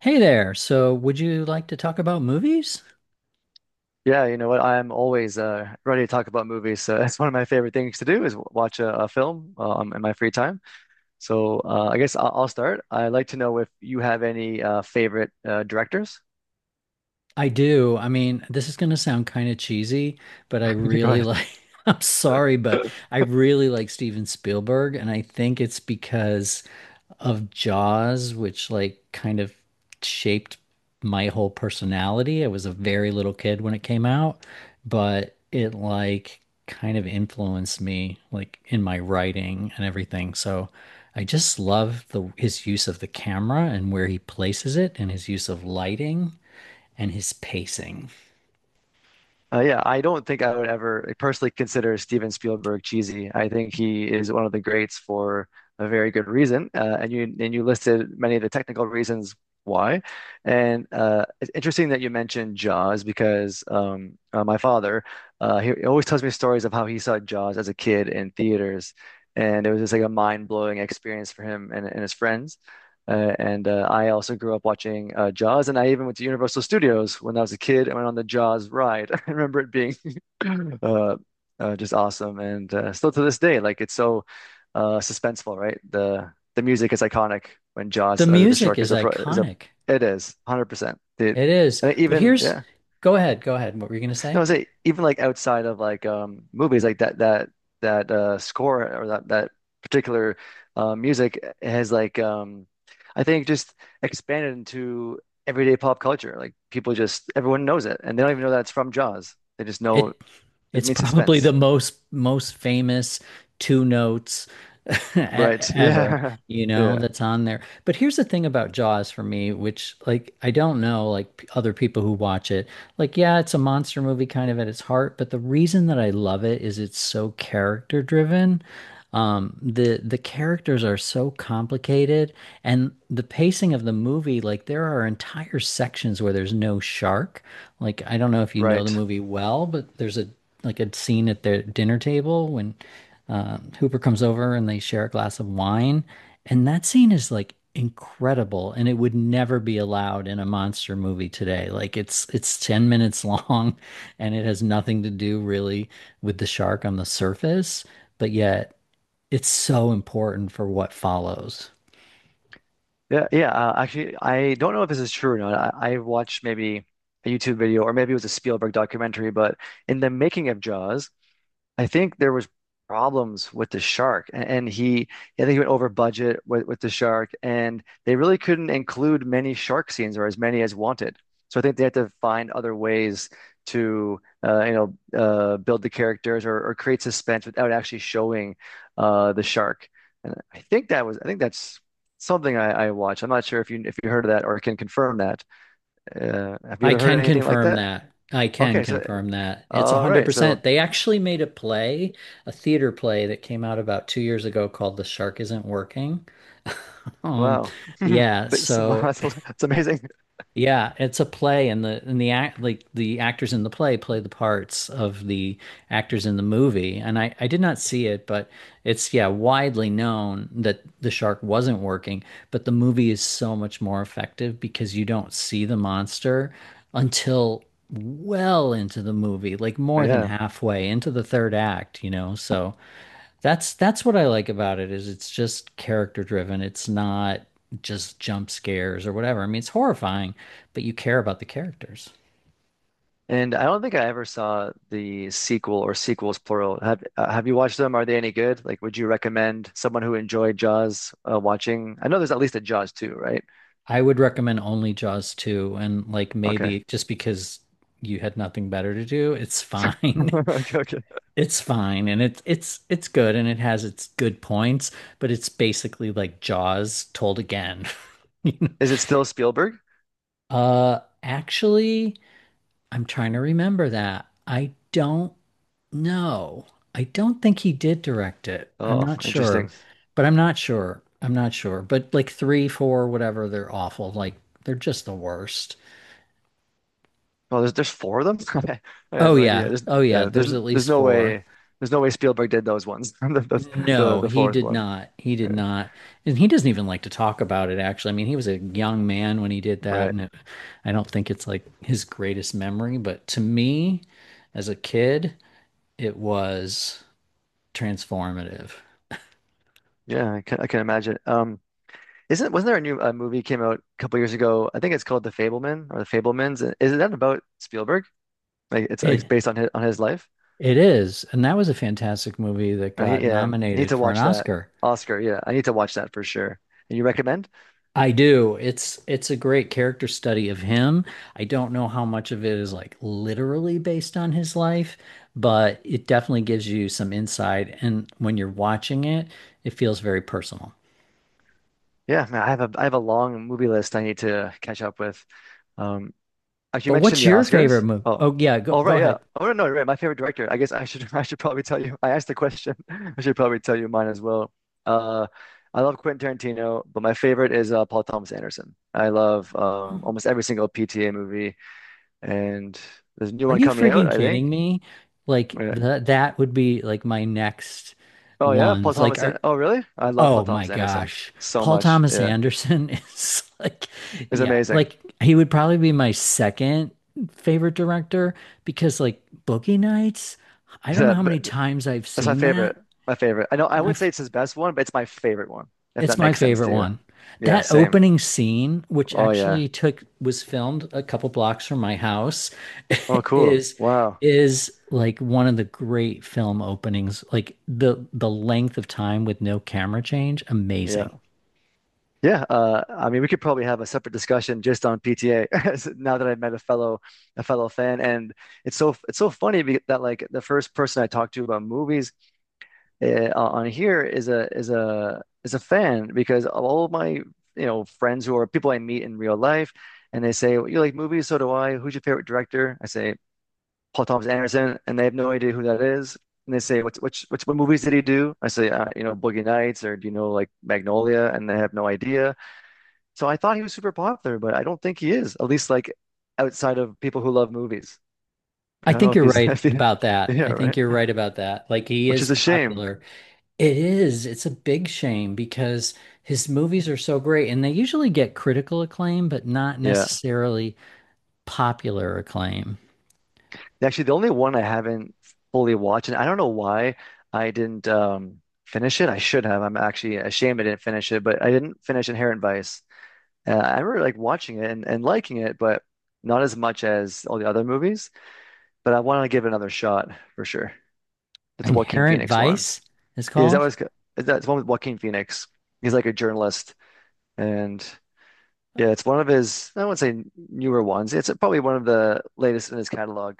Hey there. So, would you like to talk about movies? Yeah, you know what? I'm always ready to talk about movies. So that's one of my favorite things to do is watch a film in my free time. So I guess I'll start. I'd like to know if you have any favorite directors. I do. I mean, this is going to sound kind of cheesy, but I Go really ahead. like, I'm sorry, but I really like Steven Spielberg. And I think it's because of Jaws, which like kind of shaped my whole personality. I was a very little kid when it came out, but it like kind of influenced me like in my writing and everything. So I just love the his use of the camera and where he places it and his use of lighting and his pacing. Yeah, I don't think I would ever, like, personally consider Steven Spielberg cheesy. I think he is one of the greats for a very good reason, and you listed many of the technical reasons why. And it's interesting that you mentioned Jaws because my father he always tells me stories of how he saw Jaws as a kid in theaters, and it was just like a mind-blowing experience for him and his friends. And I also grew up watching Jaws, and I even went to Universal Studios when I was a kid. I went on the Jaws ride. I remember it being uh, just awesome, and still to this day, like it's so suspenseful, right? The music is iconic when The Jaws, the music shark is is a iconic. it is 100%. The It is. and But even here's, yeah, go ahead, go ahead. What were you going to no, say? I say, even like outside of like movies like that score or that particular music has like I think just expanded into everyday pop culture. Like people just, everyone knows it and they don't even know that it's from Jaws. They just know It it it's means probably the suspense. most famous two notes Right. ever, Yeah. you know, Yeah. that's on there. But here's the thing about Jaws for me, which like I don't know like other people who watch it. Like yeah, it's a monster movie kind of at its heart, but the reason that I love it is it's so character driven. The characters are so complicated and the pacing of the movie, like there are entire sections where there's no shark. Like I don't know if you know the Right. movie well, but there's a like a scene at their dinner table when Hooper comes over and they share a glass of wine, and that scene is like incredible, and it would never be allowed in a monster movie today. Like it's 10 minutes long, and it has nothing to do really with the shark on the surface, but yet it's so important for what follows. Yeah. Yeah. Actually, I don't know if this is true or not. I watched maybe a YouTube video, or maybe it was a Spielberg documentary, but in the making of Jaws, I think there was problems with the shark, I think he went over budget with the shark, and they really couldn't include many shark scenes, or as many as wanted. So I think they had to find other ways build the characters or create suspense without actually showing the shark. And I think that's something I watched. I'm not sure if you heard of that or can confirm that. Have you I ever heard can anything like confirm that? that. I can Okay, so, confirm that. It's all right, so. 100%. They actually made a play, a theater play that came out about 2 years ago called The Shark Isn't Working. Um, Wow. yeah, wow, so that's amazing. yeah, it's a play, and the actors in the play play the parts of the actors in the movie. And I did not see it, but it's yeah widely known that the shark wasn't working. But the movie is so much more effective because you don't see the monster until well into the movie, like more than Yeah. halfway into the third act, you know. So that's what I like about it is it's just character driven. It's not just jump scares or whatever. I mean, it's horrifying, but you care about the characters. And I don't think I ever saw the sequel, or sequels plural. Have you watched them? Are they any good? Like, would you recommend someone who enjoyed Jaws watching? I know there's at least a Jaws 2, right? I would recommend only Jaws 2, and like Okay. maybe just because you had nothing better to do, it's fine. Okay, okay. It's fine and it's good and it has its good points, but it's basically like Jaws told again. You know? Is it still Spielberg? Uh actually, I'm trying to remember that. I don't. No, I don't think he did direct it. I'm Oh, not sure, interesting. but I'm not sure. I'm not sure. But like three, four, whatever, they're awful. Like they're just the worst. Well, there's four of them. I had Oh no idea. yeah. There's Oh yeah. There's at there's least no four. way, there's no way Spielberg did those ones. No, the he fourth did one. not. He did Yeah. not. And he doesn't even like to talk about it, actually. I mean, he was a young man when he did that. Right. And it, I don't think it's like his greatest memory. But to me, as a kid, it was transformative. Yeah, I can, I can imagine. Isn't wasn't there a new movie came out a couple years ago? I think it's called The Fableman, or The Fablemans. Isn't that about Spielberg? Like, it's It based on his, on his life. It is, and that was a fantastic movie that got Yeah, I need nominated to for an watch that. Oscar. Oscar, yeah, I need to watch that for sure. And you recommend? I do. It's a great character study of him. I don't know how much of it is like literally based on his life, but it definitely gives you some insight. And when you're watching it, it feels very personal. Yeah, man, I have a, I have a long movie list I need to catch up with. Um, Actually, you But mentioned what's the your favorite Oscars. movie? Oh, Oh yeah, go oh go right, yeah. ahead. Oh no, you're right. My favorite director. I guess I should I should probably tell you. I asked the question. I should probably tell you mine as well. Uh, I love Quentin Tarantino, but my favorite is Paul Thomas Anderson. I love Oh, almost every single PTA movie, and there's a new are one you coming out, freaking I think. kidding me? Like Yeah. the that would be like my next Oh yeah, Paul ones. Like Thomas. An, are, oh really? I love Paul oh my Thomas Anderson gosh. so Paul much. Thomas Yeah, Anderson is like, it's yeah, amazing. like he would probably be my second favorite director because like Boogie Nights, I don't know Yeah, how but many times I've that's my seen that. favorite. My favorite. I know I My wouldn't f- say it's his best one, but it's my favorite one. If it's that my makes sense favorite to you. one. Yeah, That same. opening scene, which Oh yeah. actually took was filmed a couple blocks from my house, Oh cool. is Wow. is like one of the great film openings. Like the length of time with no camera change, Yeah. amazing. Yeah. I mean, we could probably have a separate discussion just on PTA, now that I've met a fellow, a fellow fan, and it's so funny that like the first person I talked to about movies on here is a is a is a fan, because of all of my, you know, friends who are people I meet in real life, and they say, "Well, you like movies? So do I. Who's your favorite director?" I say, Paul Thomas Anderson, and they have no idea who that is. And they say, "What's which what movies did he do?" I say, "You know, Boogie Nights, or do you know, like, Magnolia?" And they have no idea. So I thought he was super popular, but I don't think he is. At least, like, outside of people who love movies. I I don't know think if you're he's right if he, about that. yeah, I right. think you're right about that. Like he Which is is a shame. popular. It is. It's a big shame because his movies are so great and they usually get critical acclaim, but not Yeah. necessarily popular acclaim. Actually, the only one I haven't fully watched, and I don't know why I didn't finish it. I should have. I'm actually ashamed I didn't finish it, but I didn't finish Inherent Vice. I remember like watching it and liking it, but not as much as all the other movies. But I want to give it another shot for sure. It's a Joaquin Inherent Phoenix one. Vice is Yeah, called. Is that, it's one with Joaquin Phoenix? He's like a journalist, and yeah, it's one of his. I wouldn't say newer ones. It's probably one of the latest in his catalog,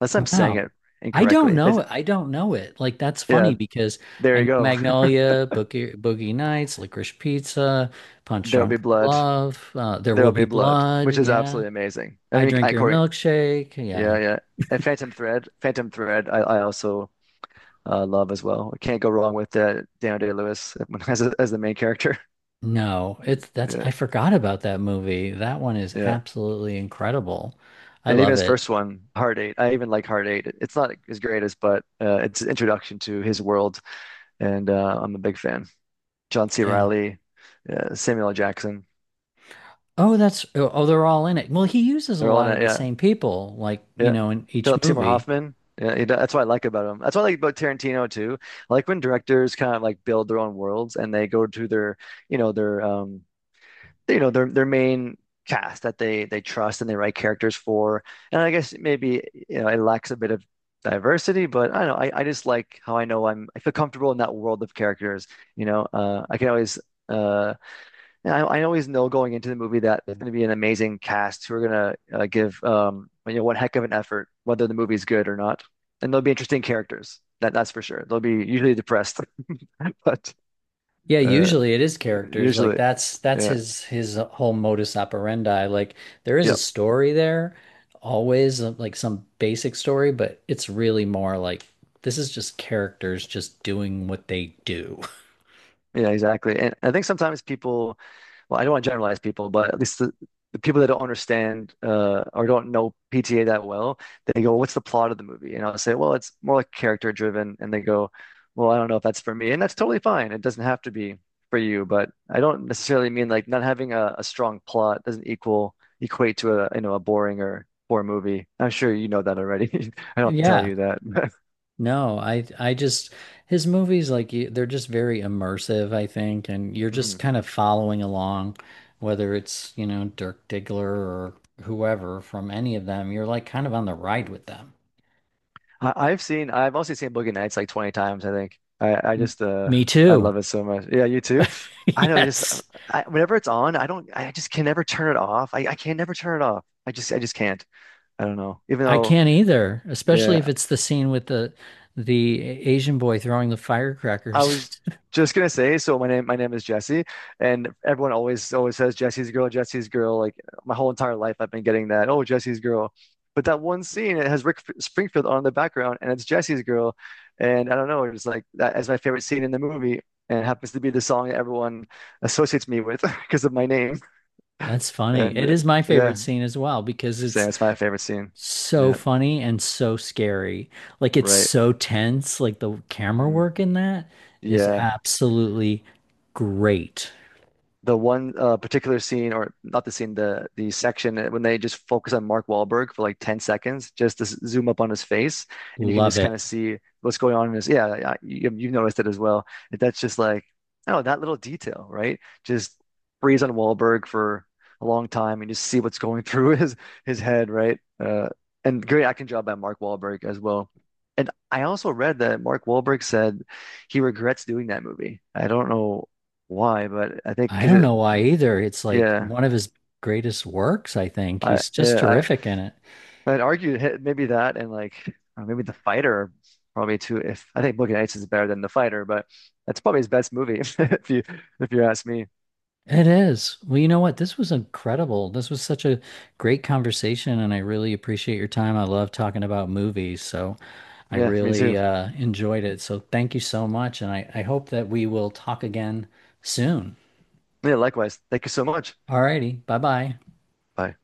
unless I'm saying Wow. it I don't incorrectly. But know it. I don't know it. Like that's yeah, funny because there I you know go. Magnolia, Boogie Nights, Licorice Pizza, Punch There'll be Drunk blood. Love, There Will There'll Be be blood, Blood. which is Yeah. absolutely amazing. I I mean, Drink I Your Corey, Milkshake. Yeah. yeah, yeah. And Phantom Thread, I also love as well. I can't go wrong with Daniel Day-Lewis as a, as the main character. No, it's that's Yeah, I forgot about that movie. That one is yeah. absolutely incredible. I And even love his it. first one, Heart Eight. I even like Heart Eight. It's not his greatest, but it's an introduction to his world, and I'm a big fan. John C. Yeah. Riley, Samuel L. Jackson. Oh, that's they're all in it. Well, he uses a They're all in lot of it. the Yeah, same people, like, you yeah. know, in each Philip Seymour movie. Hoffman. Yeah, that's what I like about him. That's what I like about Tarantino too. I like when directors kind of like build their own worlds and they go to their, you know, their you know, their main cast that they trust and they write characters for. And I guess maybe, you know, it lacks a bit of diversity, but I don't know. I just like how I know I feel comfortable in that world of characters. You know, I can always uh, and I always know going into the movie that it's going to be an amazing cast who are going to give you know, one heck of an effort, whether the movie's good or not. And they'll be interesting characters. That's for sure. They'll be usually depressed, but Yeah, uh, usually it is characters. Like usually, that's yeah. His whole modus operandi. Like there is Yeah, a story there, always like some basic story, but it's really more like this is just characters just doing what they do. yeah, exactly. And I think sometimes people, well, I don't want to generalize people, but at least the people that don't understand or don't know PTA that well, they go, "Well, what's the plot of the movie?" And I'll say, "Well, it's more like character driven." And they go, "Well, I don't know if that's for me," and that's totally fine. It doesn't have to be for you, but I don't necessarily mean like not having a strong plot doesn't equal equate to a, you know, a boring or poor movie. I'm sure you know that already. I don't have to tell Yeah. you that. No, I just his movies like you, they're just very immersive, I think, and you're just Mhm. kind of following along, whether it's, you know, Dirk Diggler or whoever from any of them, you're like kind of on the ride with them. I've also seen Boogie Nights like 20 times, I think. M- Me I too. love it so much. Yeah, you too. I know, just, Yes. I, whenever it's on, I don't, I just can never turn it off. I can never turn it off. I just can't. I don't know. Even I though, can't either, especially yeah. if it's the scene with the Asian boy throwing the I firecrackers. was just gonna say, so my name is Jesse, and everyone always says Jesse's girl, Jesse's girl. Like my whole entire life, I've been getting that. Oh, Jesse's girl. But that one scene, it has Springfield on the background, and it's Jesse's girl. And I don't know, it's like that is my favorite scene in the movie, and it happens to be the song that everyone associates me with because of my name. That's funny. And It is my favorite yeah, scene as well because so it's it's my favorite scene. so Yeah, funny and so scary. Like it's right. so tense. Like the camera hmm work in that is Yeah. absolutely great. The one particular scene, or not the scene, the section when they just focus on Mark Wahlberg for like 10 seconds, just to zoom up on his face, and you can Love just kind of it. see what's going on in his. Yeah, you, you've noticed it as well. That's just like, oh, that little detail, right? Just freeze on Wahlberg for a long time and just see what's going through his head, right? And great acting job by Mark Wahlberg as well. And I also read that Mark Wahlberg said he regrets doing that movie. I don't know why, but I think I because don't know why either. It's like yeah, one of his greatest works, I think. He's just yeah, terrific in it. I, I'd argue maybe that and like maybe The Fighter probably too. If I think Boogie Nights is better than The Fighter, but that's probably his best movie if you ask me. It is. Well, you know what? This was incredible. This was such a great conversation, and I really appreciate your time. I love talking about movies, so I Yeah, me really too. Enjoyed it. So thank you so much, and I hope that we will talk again soon. Yeah, likewise. Thank you so much. All righty. Bye bye. Bye.